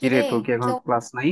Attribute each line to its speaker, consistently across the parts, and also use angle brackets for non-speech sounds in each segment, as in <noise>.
Speaker 1: কিরে, তোর কি এখন
Speaker 2: কেউ...
Speaker 1: ক্লাস নাই?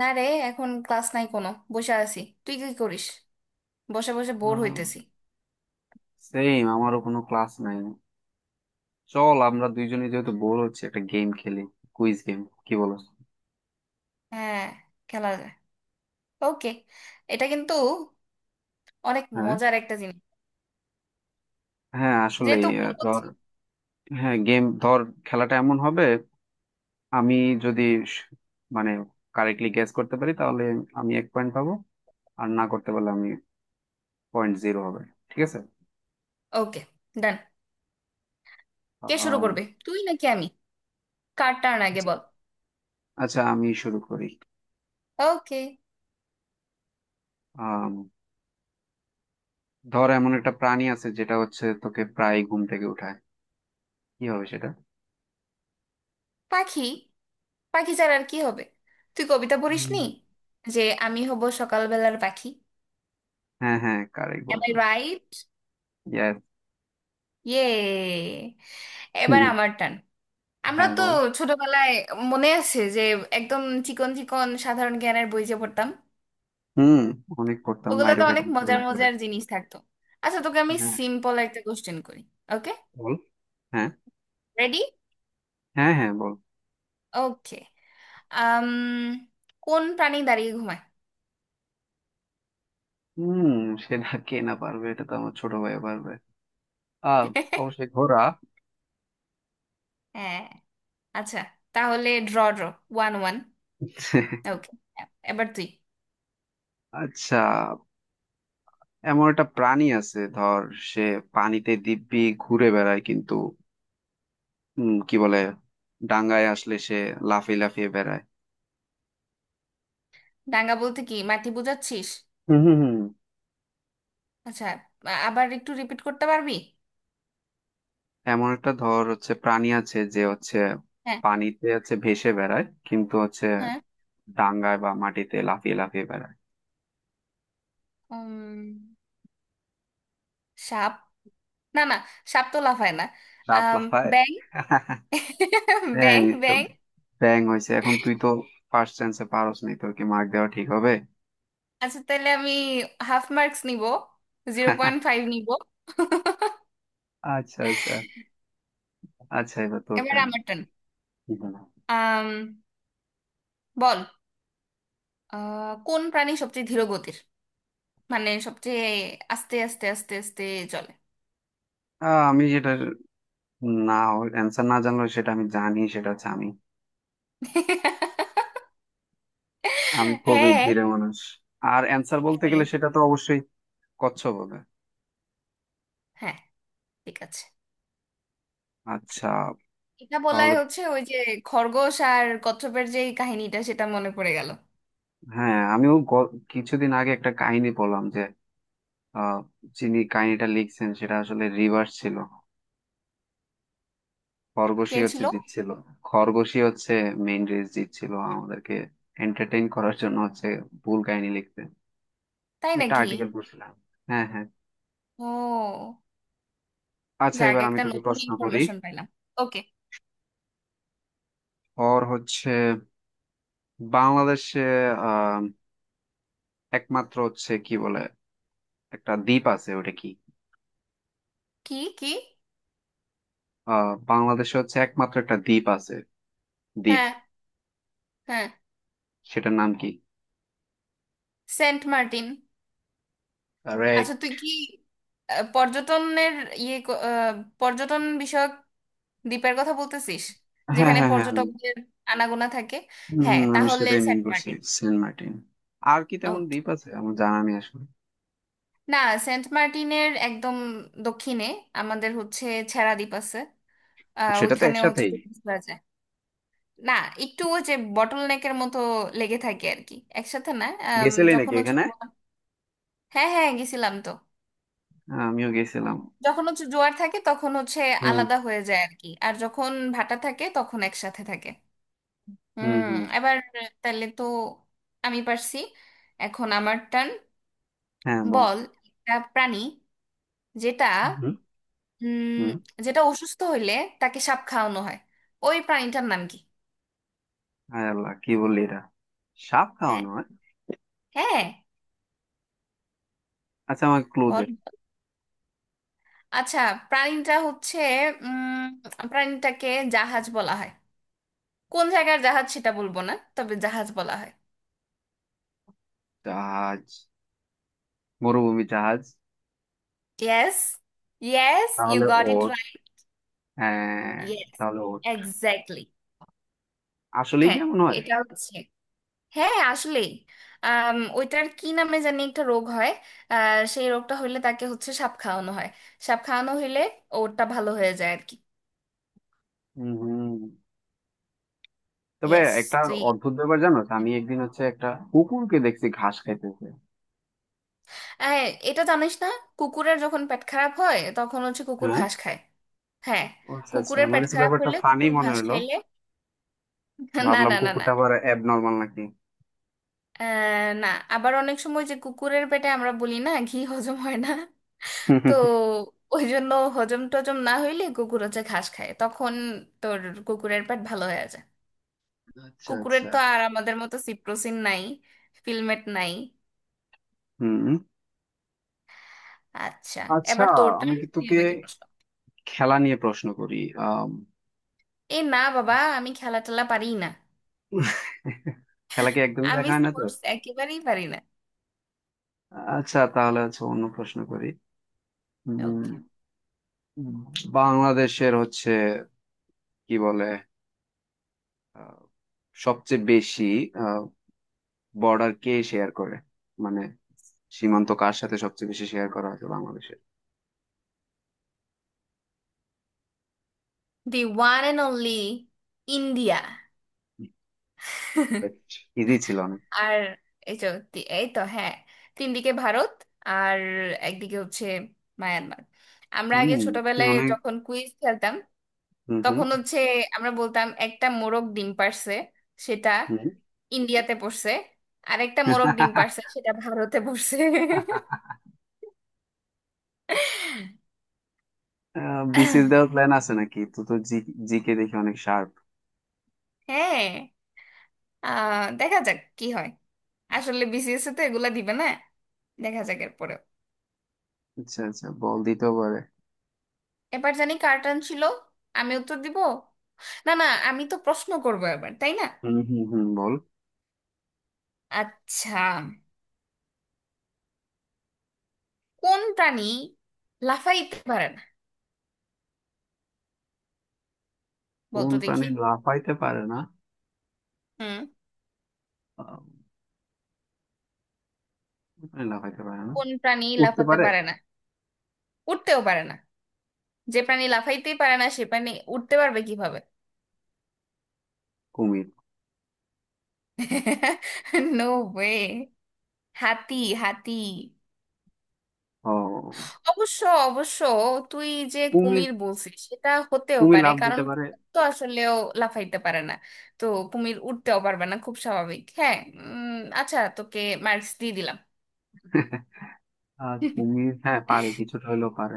Speaker 2: না রে, এখন ক্লাস নাই কোনো। বসে আছি। তুই কি করিস? বসে বসে বোর হইতেছি।
Speaker 1: সেম, আমারও কোনো ক্লাস নাই। চল, আমরা দুইজনে যেহেতু বোর হচ্ছে একটা গেম খেলি, কুইজ গেম। কি বলস?
Speaker 2: হ্যাঁ, খেলা যায়। ওকে। এটা কিন্তু অনেক
Speaker 1: হ্যাঁ,
Speaker 2: মজার একটা জিনিস,
Speaker 1: হ্যাঁ আসলে
Speaker 2: যেহেতু বোর
Speaker 1: ধর,
Speaker 2: হচ্ছি।
Speaker 1: হ্যাঁ গেম ধর, খেলাটা এমন হবে, আমি যদি স- মানে কারেক্টলি গেস করতে পারি তাহলে আমি 1 পয়েন্ট পাবো, আর না করতে পারলে আমি পয়েন্ট জিরো হবে। ঠিক আছে?
Speaker 2: ওকে, ডান। কে শুরু
Speaker 1: আম,
Speaker 2: করবে, তুই নাকি আমি? কার টার্ন আগে বল।
Speaker 1: আচ্ছা আমি শুরু করি।
Speaker 2: ওকে।
Speaker 1: আম, ধর এমন একটা প্রাণী আছে যেটা হচ্ছে তোকে প্রায় ঘুম থেকে উঠায়, কি হবে সেটা?
Speaker 2: পাখি। পাখি ছাড়া আর কি হবে? তুই কবিতা পড়িসনি, যে আমি হব সকালবেলার পাখি?
Speaker 1: হ্যাঁ হ্যাঁ, কারেক্ট
Speaker 2: এম আই
Speaker 1: বলছস।
Speaker 2: রাইট?
Speaker 1: ইয়েস।
Speaker 2: ইয়ে, এবার
Speaker 1: হুম।
Speaker 2: আমার টান। আমরা
Speaker 1: হ্যাঁ
Speaker 2: তো
Speaker 1: বল।
Speaker 2: ছোটবেলায়, মনে আছে যে একদম চিকন চিকন সাধারণ জ্ঞানের বই যে পড়তাম,
Speaker 1: হুম, অনেক করতাম মাইরো
Speaker 2: ওগুলোতে অনেক
Speaker 1: খাইতাম
Speaker 2: মজার
Speaker 1: ছোটবেলা করে।
Speaker 2: মজার জিনিস থাকতো। আচ্ছা, তোকে আমি
Speaker 1: হ্যাঁ।
Speaker 2: সিম্পল একটা কোশ্চেন করি। ওকে।
Speaker 1: বল। হ্যাঁ।
Speaker 2: রেডি?
Speaker 1: হ্যাঁ হ্যাঁ বল।
Speaker 2: ওকে। আম কোন প্রাণী দাঁড়িয়ে ঘুমায়?
Speaker 1: হুম, সেটা কে না পারবে, এটা তো আমার ছোট ভাই পারবে। আহ
Speaker 2: <laughs>
Speaker 1: অবশ্যই ঘোড়া।
Speaker 2: হ্যাঁ, আচ্ছা। তাহলে ড্র ড্র, 1-1। ওকে, এবার তুই।
Speaker 1: আচ্ছা, এমন একটা প্রাণী আছে ধর, সে পানিতে দিব্যি ঘুরে বেড়ায় কিন্তু কি বলে, ডাঙায় আসলে সে লাফিয়ে লাফিয়ে বেড়ায়।
Speaker 2: ডাঙ্গা বলতে কি মাটি বোঝাচ্ছিস?
Speaker 1: হুম হুম হুম।
Speaker 2: আচ্ছা, আবার একটু রিপিট করতে পারবি?
Speaker 1: এমন একটা ধর হচ্ছে প্রাণী আছে যে হচ্ছে
Speaker 2: হ্যাঁ।
Speaker 1: পানিতে হচ্ছে ভেসে বেড়ায় কিন্তু হচ্ছে
Speaker 2: হ্যাঁ।
Speaker 1: ডাঙায় বা মাটিতে লাফিয়ে লাফিয়ে বেড়ায়।
Speaker 2: উম, সাপ। না না, সাপ তো লাফায় না।
Speaker 1: সাপ
Speaker 2: আম,
Speaker 1: লাফায়।
Speaker 2: ব্যাং। <laughs>
Speaker 1: ব্যাঙ
Speaker 2: ব্যাং
Speaker 1: এই তো,
Speaker 2: ব্যাং।
Speaker 1: ব্যাঙ হয়েছে। এখন তুই তো ফার্স্ট চান্সে পারস নাই, তোর কি মার্ক দেওয়া ঠিক হবে?
Speaker 2: আচ্ছা, তাহলে আমি হাফ মার্কস নিব, 0.5 নিব। <laughs>
Speaker 1: আচ্ছা আচ্ছা, আচ্ছা এবার তোর
Speaker 2: এবার
Speaker 1: টাইম।
Speaker 2: আমার টার্ন। আম, বল। কোন প্রাণী সবচেয়ে ধীর গতির? মানে সবচেয়ে আস্তে আস্তে আস্তে আস্তে চলে।
Speaker 1: আমি যেটা, না, অ্যান্সার না জানলেও সেটা আমি জানি, সেটা হচ্ছে আমি।
Speaker 2: <laughs>
Speaker 1: আমি খুবই
Speaker 2: হ্যাঁ।
Speaker 1: ধীরে মানুষ। আর অ্যান্সার বলতে গেলে
Speaker 2: হ্যাঁ।
Speaker 1: সেটা তো অবশ্যই কচ্ছপ হবে।
Speaker 2: হ্যাঁ, ঠিক আছে।
Speaker 1: আচ্ছা
Speaker 2: এটা বলাই
Speaker 1: তাহলে।
Speaker 2: হচ্ছে, ওই যে খরগোশ আর কচ্ছপের যে এই কাহিনীটা, সেটা মনে পড়ে গেল।
Speaker 1: হ্যাঁ, আমিও কিছুদিন আগে একটা কাহিনী পড়লাম যে, আহ, যিনি কাহিনীটা লিখছেন সেটা আসলে রিভার্স ছিল।
Speaker 2: কে
Speaker 1: খরগোশই হচ্ছে
Speaker 2: ছিল?
Speaker 1: জিতছিল। খরগোশই হচ্ছে মেইন রেস জিতছিল আমাদেরকে এন্টারটেইন করার জন্য হচ্ছে ভুল কাহিনী লিখতে।
Speaker 2: তাই
Speaker 1: আমি একটা
Speaker 2: নাকি?
Speaker 1: আর্টিকেল পড়ছিলাম। হ্যাঁ হ্যাঁ।
Speaker 2: ও।
Speaker 1: আচ্ছা
Speaker 2: যাক,
Speaker 1: এবার আমি
Speaker 2: একটা
Speaker 1: তোকে
Speaker 2: নতুন
Speaker 1: প্রশ্ন করি।
Speaker 2: ইনফরমেশন পাইলাম। ওকে।
Speaker 1: ওর হচ্ছে বাংলাদেশে আহ একমাত্র হচ্ছে কি বলে একটা দ্বীপ আছে, ওটা কি?
Speaker 2: কি কি?
Speaker 1: বাংলাদেশে হচ্ছে একমাত্র একটা দ্বীপ আছে, দ্বীপ।
Speaker 2: হ্যাঁ, হ্যাঁ,
Speaker 1: সেটার নাম কি?
Speaker 2: সেন্ট মার্টিন। আচ্ছা তুই কি পর্যটনের ইয়ে, পর্যটন বিষয়ক দ্বীপের কথা বলতেছিস?
Speaker 1: হ্যাঁ
Speaker 2: যেখানে
Speaker 1: হ্যাঁ হ্যাঁ, হম।
Speaker 2: পর্যটকদের আনাগোনা থাকে।
Speaker 1: হম,
Speaker 2: হ্যাঁ,
Speaker 1: আমি
Speaker 2: তাহলে
Speaker 1: সেটাই মিন
Speaker 2: সেন্ট
Speaker 1: করছি।
Speaker 2: মার্টিন।
Speaker 1: সেন্ট মার্টিন। আর কি তেমন
Speaker 2: ওকে।
Speaker 1: দ্বীপ আছে আমার জানা নেই আসলে।
Speaker 2: না, সেন্ট মার্টিনের একদম দক্ষিণে আমাদের হচ্ছে ছেড়া দ্বীপ আছে। আহ,
Speaker 1: সেটা তো
Speaker 2: ওইখানে হচ্ছে
Speaker 1: একসাথেই।
Speaker 2: tourist রা যায়। না, একটু ওই যে বটল নেকের মতো লেগে থাকে আর কি। একসাথে না।
Speaker 1: গেছিলি
Speaker 2: যখন
Speaker 1: নাকি
Speaker 2: হচ্ছে...
Speaker 1: এখানে?
Speaker 2: হ্যাঁ হ্যাঁ, গেছিলাম তো।
Speaker 1: হ্যাঁ, আমিও গেছিলাম।
Speaker 2: যখন হচ্ছে জোয়ার থাকে তখন হচ্ছে
Speaker 1: হুম
Speaker 2: আলাদা হয়ে যায় আর কি, আর যখন ভাটা থাকে তখন একসাথে থাকে।
Speaker 1: হুম
Speaker 2: হুম।
Speaker 1: হুম।
Speaker 2: এবার, তাহলে তো আমি পারছি, এখন আমার টার্ন।
Speaker 1: হ্যাঁ বল।
Speaker 2: বল। একটা প্রাণী, যেটা
Speaker 1: হুম
Speaker 2: উম
Speaker 1: হুম।
Speaker 2: যেটা অসুস্থ হইলে তাকে সাপ খাওয়ানো হয়, ওই প্রাণীটার নাম কি?
Speaker 1: হায় আল্লাহ, কি বললি এটা? সাপ
Speaker 2: হ্যাঁ।
Speaker 1: খাওয়ানো হয়?
Speaker 2: হ্যাঁ,
Speaker 1: আচ্ছা আমার ক্লু দে।
Speaker 2: বল। আচ্ছা, প্রাণীটা হচ্ছে... উম প্রাণীটাকে জাহাজ বলা হয়। কোন জায়গার জাহাজ সেটা বলবো না, তবে জাহাজ বলা হয়।
Speaker 1: জাহাজ, মরুভূমি জাহাজ।
Speaker 2: Yes, yes, you
Speaker 1: তাহলে
Speaker 2: got it
Speaker 1: ওট।
Speaker 2: right.
Speaker 1: হ্যাঁ
Speaker 2: Yes,
Speaker 1: তাহলে ওট,
Speaker 2: exactly.
Speaker 1: আসলেই
Speaker 2: হ্যাঁ,
Speaker 1: কেমন হয়।
Speaker 2: এটা হচ্ছে, হ্যাঁ আসলে, ওইটার কি নামে জানি একটা রোগ হয়। আহ, সেই রোগটা হইলে তাকে হচ্ছে সাপ খাওয়ানো হয়। সাপ খাওয়ানো হইলে ওরটা ভালো হয়ে যায় আর কি।
Speaker 1: হুম হুম। তবে
Speaker 2: ইয়েস,
Speaker 1: একটা
Speaker 2: তুই...
Speaker 1: অদ্ভুত ব্যাপার জানো তো, আমি একদিন হচ্ছে একটা কুকুরকে দেখছি ঘাস খাইতেছে।
Speaker 2: হ্যাঁ, এটা জানিস না? কুকুরের যখন পেট খারাপ হয় তখন হচ্ছে কুকুর
Speaker 1: হ্যাঁ।
Speaker 2: ঘাস খায়। হ্যাঁ।
Speaker 1: ও আচ্ছা আচ্ছা,
Speaker 2: কুকুরের
Speaker 1: আমার
Speaker 2: পেট
Speaker 1: কাছে
Speaker 2: খারাপ
Speaker 1: ব্যাপারটা
Speaker 2: হইলে
Speaker 1: ফানি
Speaker 2: কুকুর
Speaker 1: মনে
Speaker 2: ঘাস
Speaker 1: হলো।
Speaker 2: খাইলে... <laughs> না
Speaker 1: ভাবলাম
Speaker 2: না না না।
Speaker 1: কুকুরটা আবার অ্যাবনর্মাল নাকি।
Speaker 2: আহ, না, আবার অনেক সময় যে কুকুরের পেটে আমরা বলি না ঘি হজম হয় না, তো ওই জন্য হজম টজম না হইলে কুকুর হচ্ছে ঘাস খায়, তখন তোর কুকুরের পেট ভালো হয়ে যায়।
Speaker 1: আচ্ছা
Speaker 2: কুকুরের
Speaker 1: আচ্ছা।
Speaker 2: তো আর আমাদের মতো সিপ্রোসিন নাই, ফিলমেট নাই।
Speaker 1: হুম।
Speaker 2: আচ্ছা,
Speaker 1: আচ্ছা
Speaker 2: এবার তোরটা,
Speaker 1: আমি কি
Speaker 2: তুই
Speaker 1: তোকে
Speaker 2: আমাকে প্রশ্ন...
Speaker 1: খেলা নিয়ে প্রশ্ন করি? আম,
Speaker 2: এ না বাবা, আমি খেলা টেলা পারি না।
Speaker 1: খেলা কি একদমই
Speaker 2: আমি
Speaker 1: দেখা হয় না তো?
Speaker 2: স্পোর্টস একেবারেই পারি না।
Speaker 1: আচ্ছা তাহলে হচ্ছে অন্য প্রশ্ন করি। উম,
Speaker 2: ওকে।
Speaker 1: বাংলাদেশের হচ্ছে কি বলে, আহ, সবচেয়ে বেশি বর্ডার কে শেয়ার করে? মানে সীমান্ত কার সাথে সবচেয়ে বেশি শেয়ার করা হয়েছে বাংলাদেশের?
Speaker 2: The one and only India.
Speaker 1: ইজি ছিল অনেক।
Speaker 2: আর, এই তো, এই তো, হ্যাঁ, তিন দিকে ভারত আর একদিকে হচ্ছে মায়ানমার। আমরা আগে
Speaker 1: হুম। তুই
Speaker 2: ছোটবেলায়
Speaker 1: অনেক,
Speaker 2: যখন কুইজ খেলতাম,
Speaker 1: হুম হুম
Speaker 2: তখন হচ্ছে আমরা বলতাম একটা মোরগ ডিম পারছে সেটা
Speaker 1: হুম।
Speaker 2: ইন্ডিয়াতে পড়ছে, আর একটা মোরগ ডিম পারছে সেটা ভারতে পড়ছে।
Speaker 1: <laughs>
Speaker 2: <laughs>
Speaker 1: বিসিএস দেওয়ার প্ল্যান আছে নাকি? তো তো জিকে দেখি অনেক শার্প।
Speaker 2: হ্যাঁ, আহ, দেখা যাক কি হয়। আসলে বিসিএস তো এগুলা দিবে না, দেখা যাক এরপরে।
Speaker 1: আচ্ছা আচ্ছা বল, দিতেও পারে।
Speaker 2: এবার জানি কার টার্ন ছিল, আমি উত্তর দিব? না না, আমি তো প্রশ্ন করবো এবার, তাই না?
Speaker 1: হুম হুম হুম, বল।
Speaker 2: আচ্ছা, কোন প্রাণী লাফাইতে পারে না?
Speaker 1: কোন
Speaker 2: বলতো দেখি।
Speaker 1: প্রাণী লাফাইতে পারে না?
Speaker 2: হুম।
Speaker 1: আহ, কোন প্রাণী লাফাইতে পারে না?
Speaker 2: কোন প্রাণী
Speaker 1: উঠতে
Speaker 2: লাফাতে
Speaker 1: পারে।
Speaker 2: পারে না? উঠতেও পারে না। যে প্রাণী লাফাইতেই পারে না সে প্রাণী উঠতে পারবে কিভাবে?
Speaker 1: কুমির।
Speaker 2: <laughs> No way. হাতি। হাতি।
Speaker 1: ও
Speaker 2: অবশ্য, অবশ্য তুই যে
Speaker 1: কুমির,
Speaker 2: কুমির বলছিস সেটা হতেও
Speaker 1: কুমির
Speaker 2: পারে,
Speaker 1: লাফ
Speaker 2: কারণ
Speaker 1: দিতে পারে।
Speaker 2: কুমির তো আসলেও লাফাইতে পারে না, তো কুমির উঠতেও পারবে না, খুব স্বাভাবিক। হ্যাঁ। আচ্ছা, তোকে মার্কস দিয়ে দিলাম।
Speaker 1: <laughs> আর কুমির হ্যাঁ পারে, কিছুটা হলেও পারে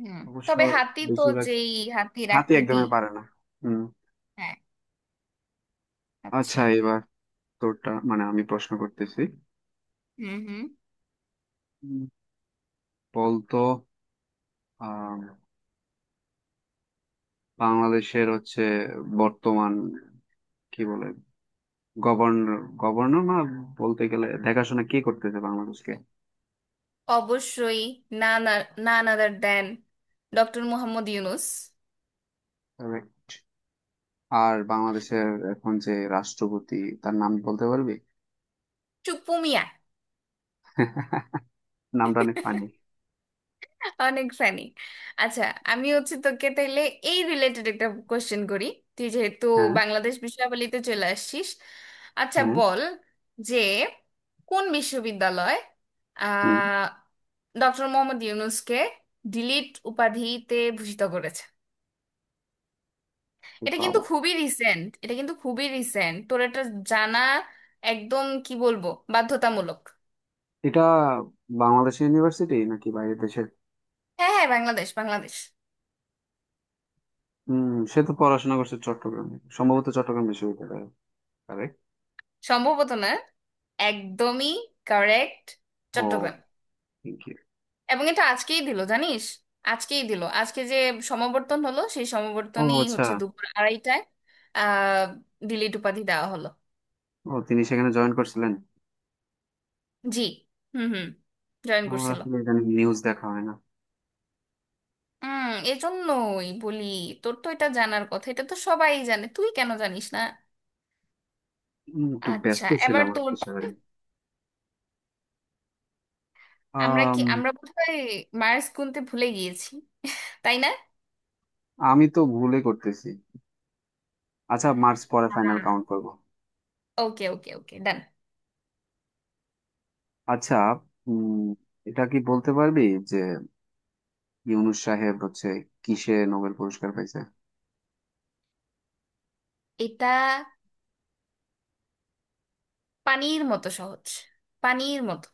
Speaker 2: হুম।
Speaker 1: অবশ্য,
Speaker 2: তবে হাতি তো
Speaker 1: বেশিরভাগ।
Speaker 2: যেই... হাতির
Speaker 1: হাতি
Speaker 2: আকৃতি...
Speaker 1: একদমই পারে না। হুম।
Speaker 2: হ্যাঁ। আচ্ছা।
Speaker 1: আচ্ছা এবার তোরটা, মানে আমি প্রশ্ন করতেছি।
Speaker 2: হুম হুম।
Speaker 1: বলতো, আহ বাংলাদেশের হচ্ছে বর্তমান কি বলে গভর্নর, গভর্নর না, বলতে গেলে দেখাশোনা কি করতেছে বাংলাদেশকে?
Speaker 2: অবশ্যই। না না, না other than doctor Muhammad Yunus.
Speaker 1: Correct. আর বাংলাদেশের এখন যে রাষ্ট্রপতি, তার নাম বলতে পারবি?
Speaker 2: চুপু মিয়া।
Speaker 1: <laughs> নামটা অনেক ফানি।
Speaker 2: অনেক ফানি। আচ্ছা, আমি হচ্ছে তোকে তাইলে এই রিলেটেড একটা কোশ্চেন করি, তুই যেহেতু
Speaker 1: হ্যাঁ
Speaker 2: বাংলাদেশ বিষয়াবলিতে চলে আসছিস। আচ্ছা,
Speaker 1: হ্যাঁ।
Speaker 2: বল। যে, কোন বিশ্ববিদ্যালয়
Speaker 1: হুম।
Speaker 2: আহ ডক্টর মোহাম্মদ ইউনুসকে ডিলিট উপাধিতে ভূষিত করেছে?
Speaker 1: এ
Speaker 2: এটা কিন্তু
Speaker 1: বাবা,
Speaker 2: খুবই রিসেন্ট, এটা কিন্তু খুবই রিসেন্ট, তোর এটা জানা একদম, কি বলবো, বাধ্যতামূলক।
Speaker 1: এটা বাংলাদেশ ইউনিভার্সিটি নাকি বাইরের দেশের?
Speaker 2: হ্যাঁ হ্যাঁ, বাংলাদেশ, বাংলাদেশ।
Speaker 1: হুম। সে তো পড়াশোনা করছে চট্টগ্রামে, সম্ভবত চট্টগ্রাম বিশ্ববিদ্যালয়ে। কারেক্ট।
Speaker 2: সম্ভবত না, একদমই কারেক্ট।
Speaker 1: ও,
Speaker 2: চট্টগ্রাম।
Speaker 1: thank you.
Speaker 2: এবং এটা আজকেই দিল, জানিস? আজকেই দিল, আজকে যে সমাবর্তন হলো সেই
Speaker 1: ও
Speaker 2: সমাবর্তনেই
Speaker 1: আচ্ছা।
Speaker 2: হচ্ছে দুপুর আড়াইটায়, আহ, ডিলিট উপাধি দেওয়া হলো।
Speaker 1: ও তিনি সেখানে জয়েন করছিলেন।
Speaker 2: জি। হুম হুম। জয়েন
Speaker 1: আমার
Speaker 2: করছিল।
Speaker 1: আসলে ইদানিং নিউজ দেখা হয় না।
Speaker 2: হুম, এজন্যই বলি, তোর তো এটা জানার কথা, এটা তো সবাই জানে, তুই কেন জানিস না?
Speaker 1: একটু
Speaker 2: আচ্ছা,
Speaker 1: ব্যস্ত
Speaker 2: এবার
Speaker 1: ছিলাম আর
Speaker 2: তোর।
Speaker 1: কি সারাদিন।
Speaker 2: আমরা কি,
Speaker 1: আম,
Speaker 2: আমরা বোধহয় মার্স গুনতে ভুলে গিয়েছি, তাই না?
Speaker 1: আমি তো ভুলে করতেছি। আচ্ছা মার্চ পরে ফাইনাল কাউন্ট করব।
Speaker 2: ওকে ওকে ওকে, ডান।
Speaker 1: আচ্ছা। উম এটা কি বলতে পারবি, যে ইউনুস সাহেব হচ্ছে কিসে নোবেল পুরস্কার পাইছে?
Speaker 2: এটা পানির মতো সহজ, পানির মতো।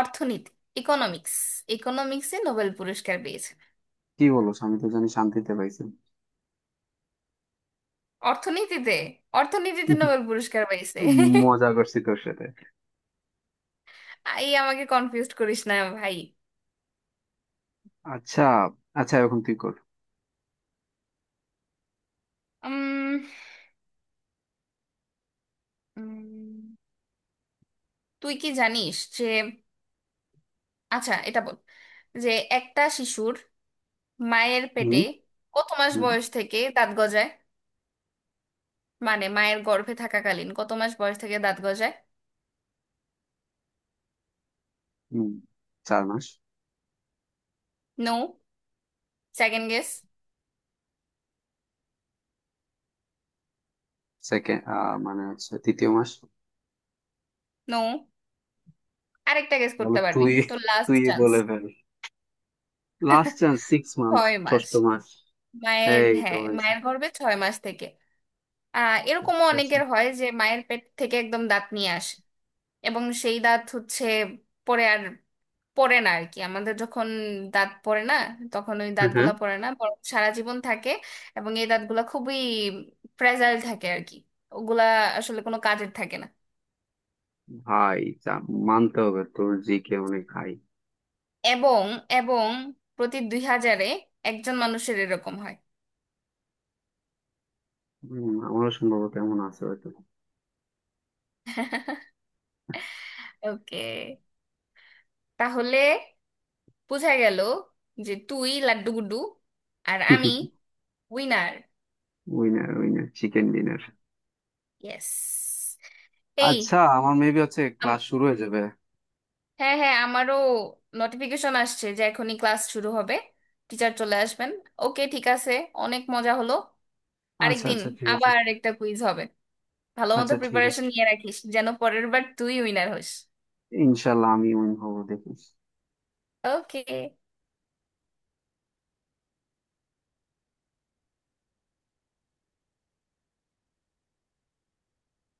Speaker 2: অর্থনীতি। ইকোনমিক্স। ইকোনমিক্সে নোবেল পুরস্কার পেয়েছে।
Speaker 1: কি বলো, আমি তো জানি শান্তিতে পাইছে।
Speaker 2: অর্থনীতিতে, অর্থনীতিতে নোবেল পুরস্কার পাইছে।
Speaker 1: মজা করছি তোর সাথে।
Speaker 2: এই, আমাকে কনফিউজ করিস না ভাই।
Speaker 1: আচ্ছা আচ্ছা, এখন তুই কর।
Speaker 2: উম, উম, তুই কি জানিস যে... আচ্ছা, এটা বল, যে একটা শিশুর মায়ের পেটে
Speaker 1: হুম।
Speaker 2: কত মাস
Speaker 1: হুম
Speaker 2: বয়স থেকে দাঁত গজায়? মানে মায়ের গর্ভে থাকাকালীন কত মাস বয়স থেকে দাঁত গজায়?
Speaker 1: হুম, 4 মাস।
Speaker 2: No, second guess.
Speaker 1: সেকেন্ড, মানে হচ্ছে তৃতীয় মাস।
Speaker 2: নো, আরেকটা গেস
Speaker 1: বলো
Speaker 2: করতে পারবি
Speaker 1: তুই,
Speaker 2: তো, লাস্ট
Speaker 1: তুই
Speaker 2: চান্স।
Speaker 1: বলে ফেল। Last chance, 6 month।
Speaker 2: 6 মাস।
Speaker 1: ষষ্ঠ মাস,
Speaker 2: মায়ের,
Speaker 1: এই তো
Speaker 2: হ্যাঁ,
Speaker 1: হয়েছে।
Speaker 2: মায়ের গর্ভে ছয় মাস থেকে। আহ, এরকমও
Speaker 1: আচ্ছা আচ্ছা।
Speaker 2: অনেকের হয় যে মায়ের পেট থেকে একদম দাঁত নিয়ে আসে। এবং সেই দাঁত হচ্ছে পরে আর পড়ে না আর কি, আমাদের যখন দাঁত পড়ে না তখন ওই
Speaker 1: হ্যাঁ হ্যাঁ।
Speaker 2: দাঁতগুলা পড়ে না, বরং সারা জীবন থাকে। এবং এই দাঁতগুলা খুবই ফ্রেজাইল থাকে আর কি, ওগুলা আসলে কোনো কাজের থাকে না।
Speaker 1: ভাই যা, মানতে হবে তোর জিকে অনেক হাই।
Speaker 2: এবং এবং প্রতি 2,000-এ একজন মানুষের এরকম হয়।
Speaker 1: হম, আমারও সম্ভবত এমন আছে হয়তো।
Speaker 2: <laughs> ওকে, তাহলে বোঝা গেল যে তুই লাড্ডু গুড্ডু আর আমি winner.
Speaker 1: Winner winner chicken dinner.
Speaker 2: Yes.
Speaker 1: আচ্ছা
Speaker 2: এই,
Speaker 1: আমার মেবি হচ্ছে ক্লাস
Speaker 2: আম-
Speaker 1: শুরু হয়ে যাবে।
Speaker 2: হ্যাঁ হ্যাঁ, আমারও নোটিফিকেশন আসছে যে এখনই ক্লাস শুরু হবে, টিচার চলে আসবেন। ওকে, ঠিক আছে, অনেক মজা হলো।
Speaker 1: আচ্ছা
Speaker 2: আরেকদিন
Speaker 1: আচ্ছা ঠিক আছে।
Speaker 2: আবার একটা কুইজ হবে, ভালো মতো
Speaker 1: আচ্ছা ঠিক
Speaker 2: প্রিপারেশন
Speaker 1: আছে।
Speaker 2: নিয়ে রাখিস যেন পরের বার তুই উইনার হোস।
Speaker 1: ইনশাল্লাহ আমি উইন হবো দেখি।
Speaker 2: ওকে।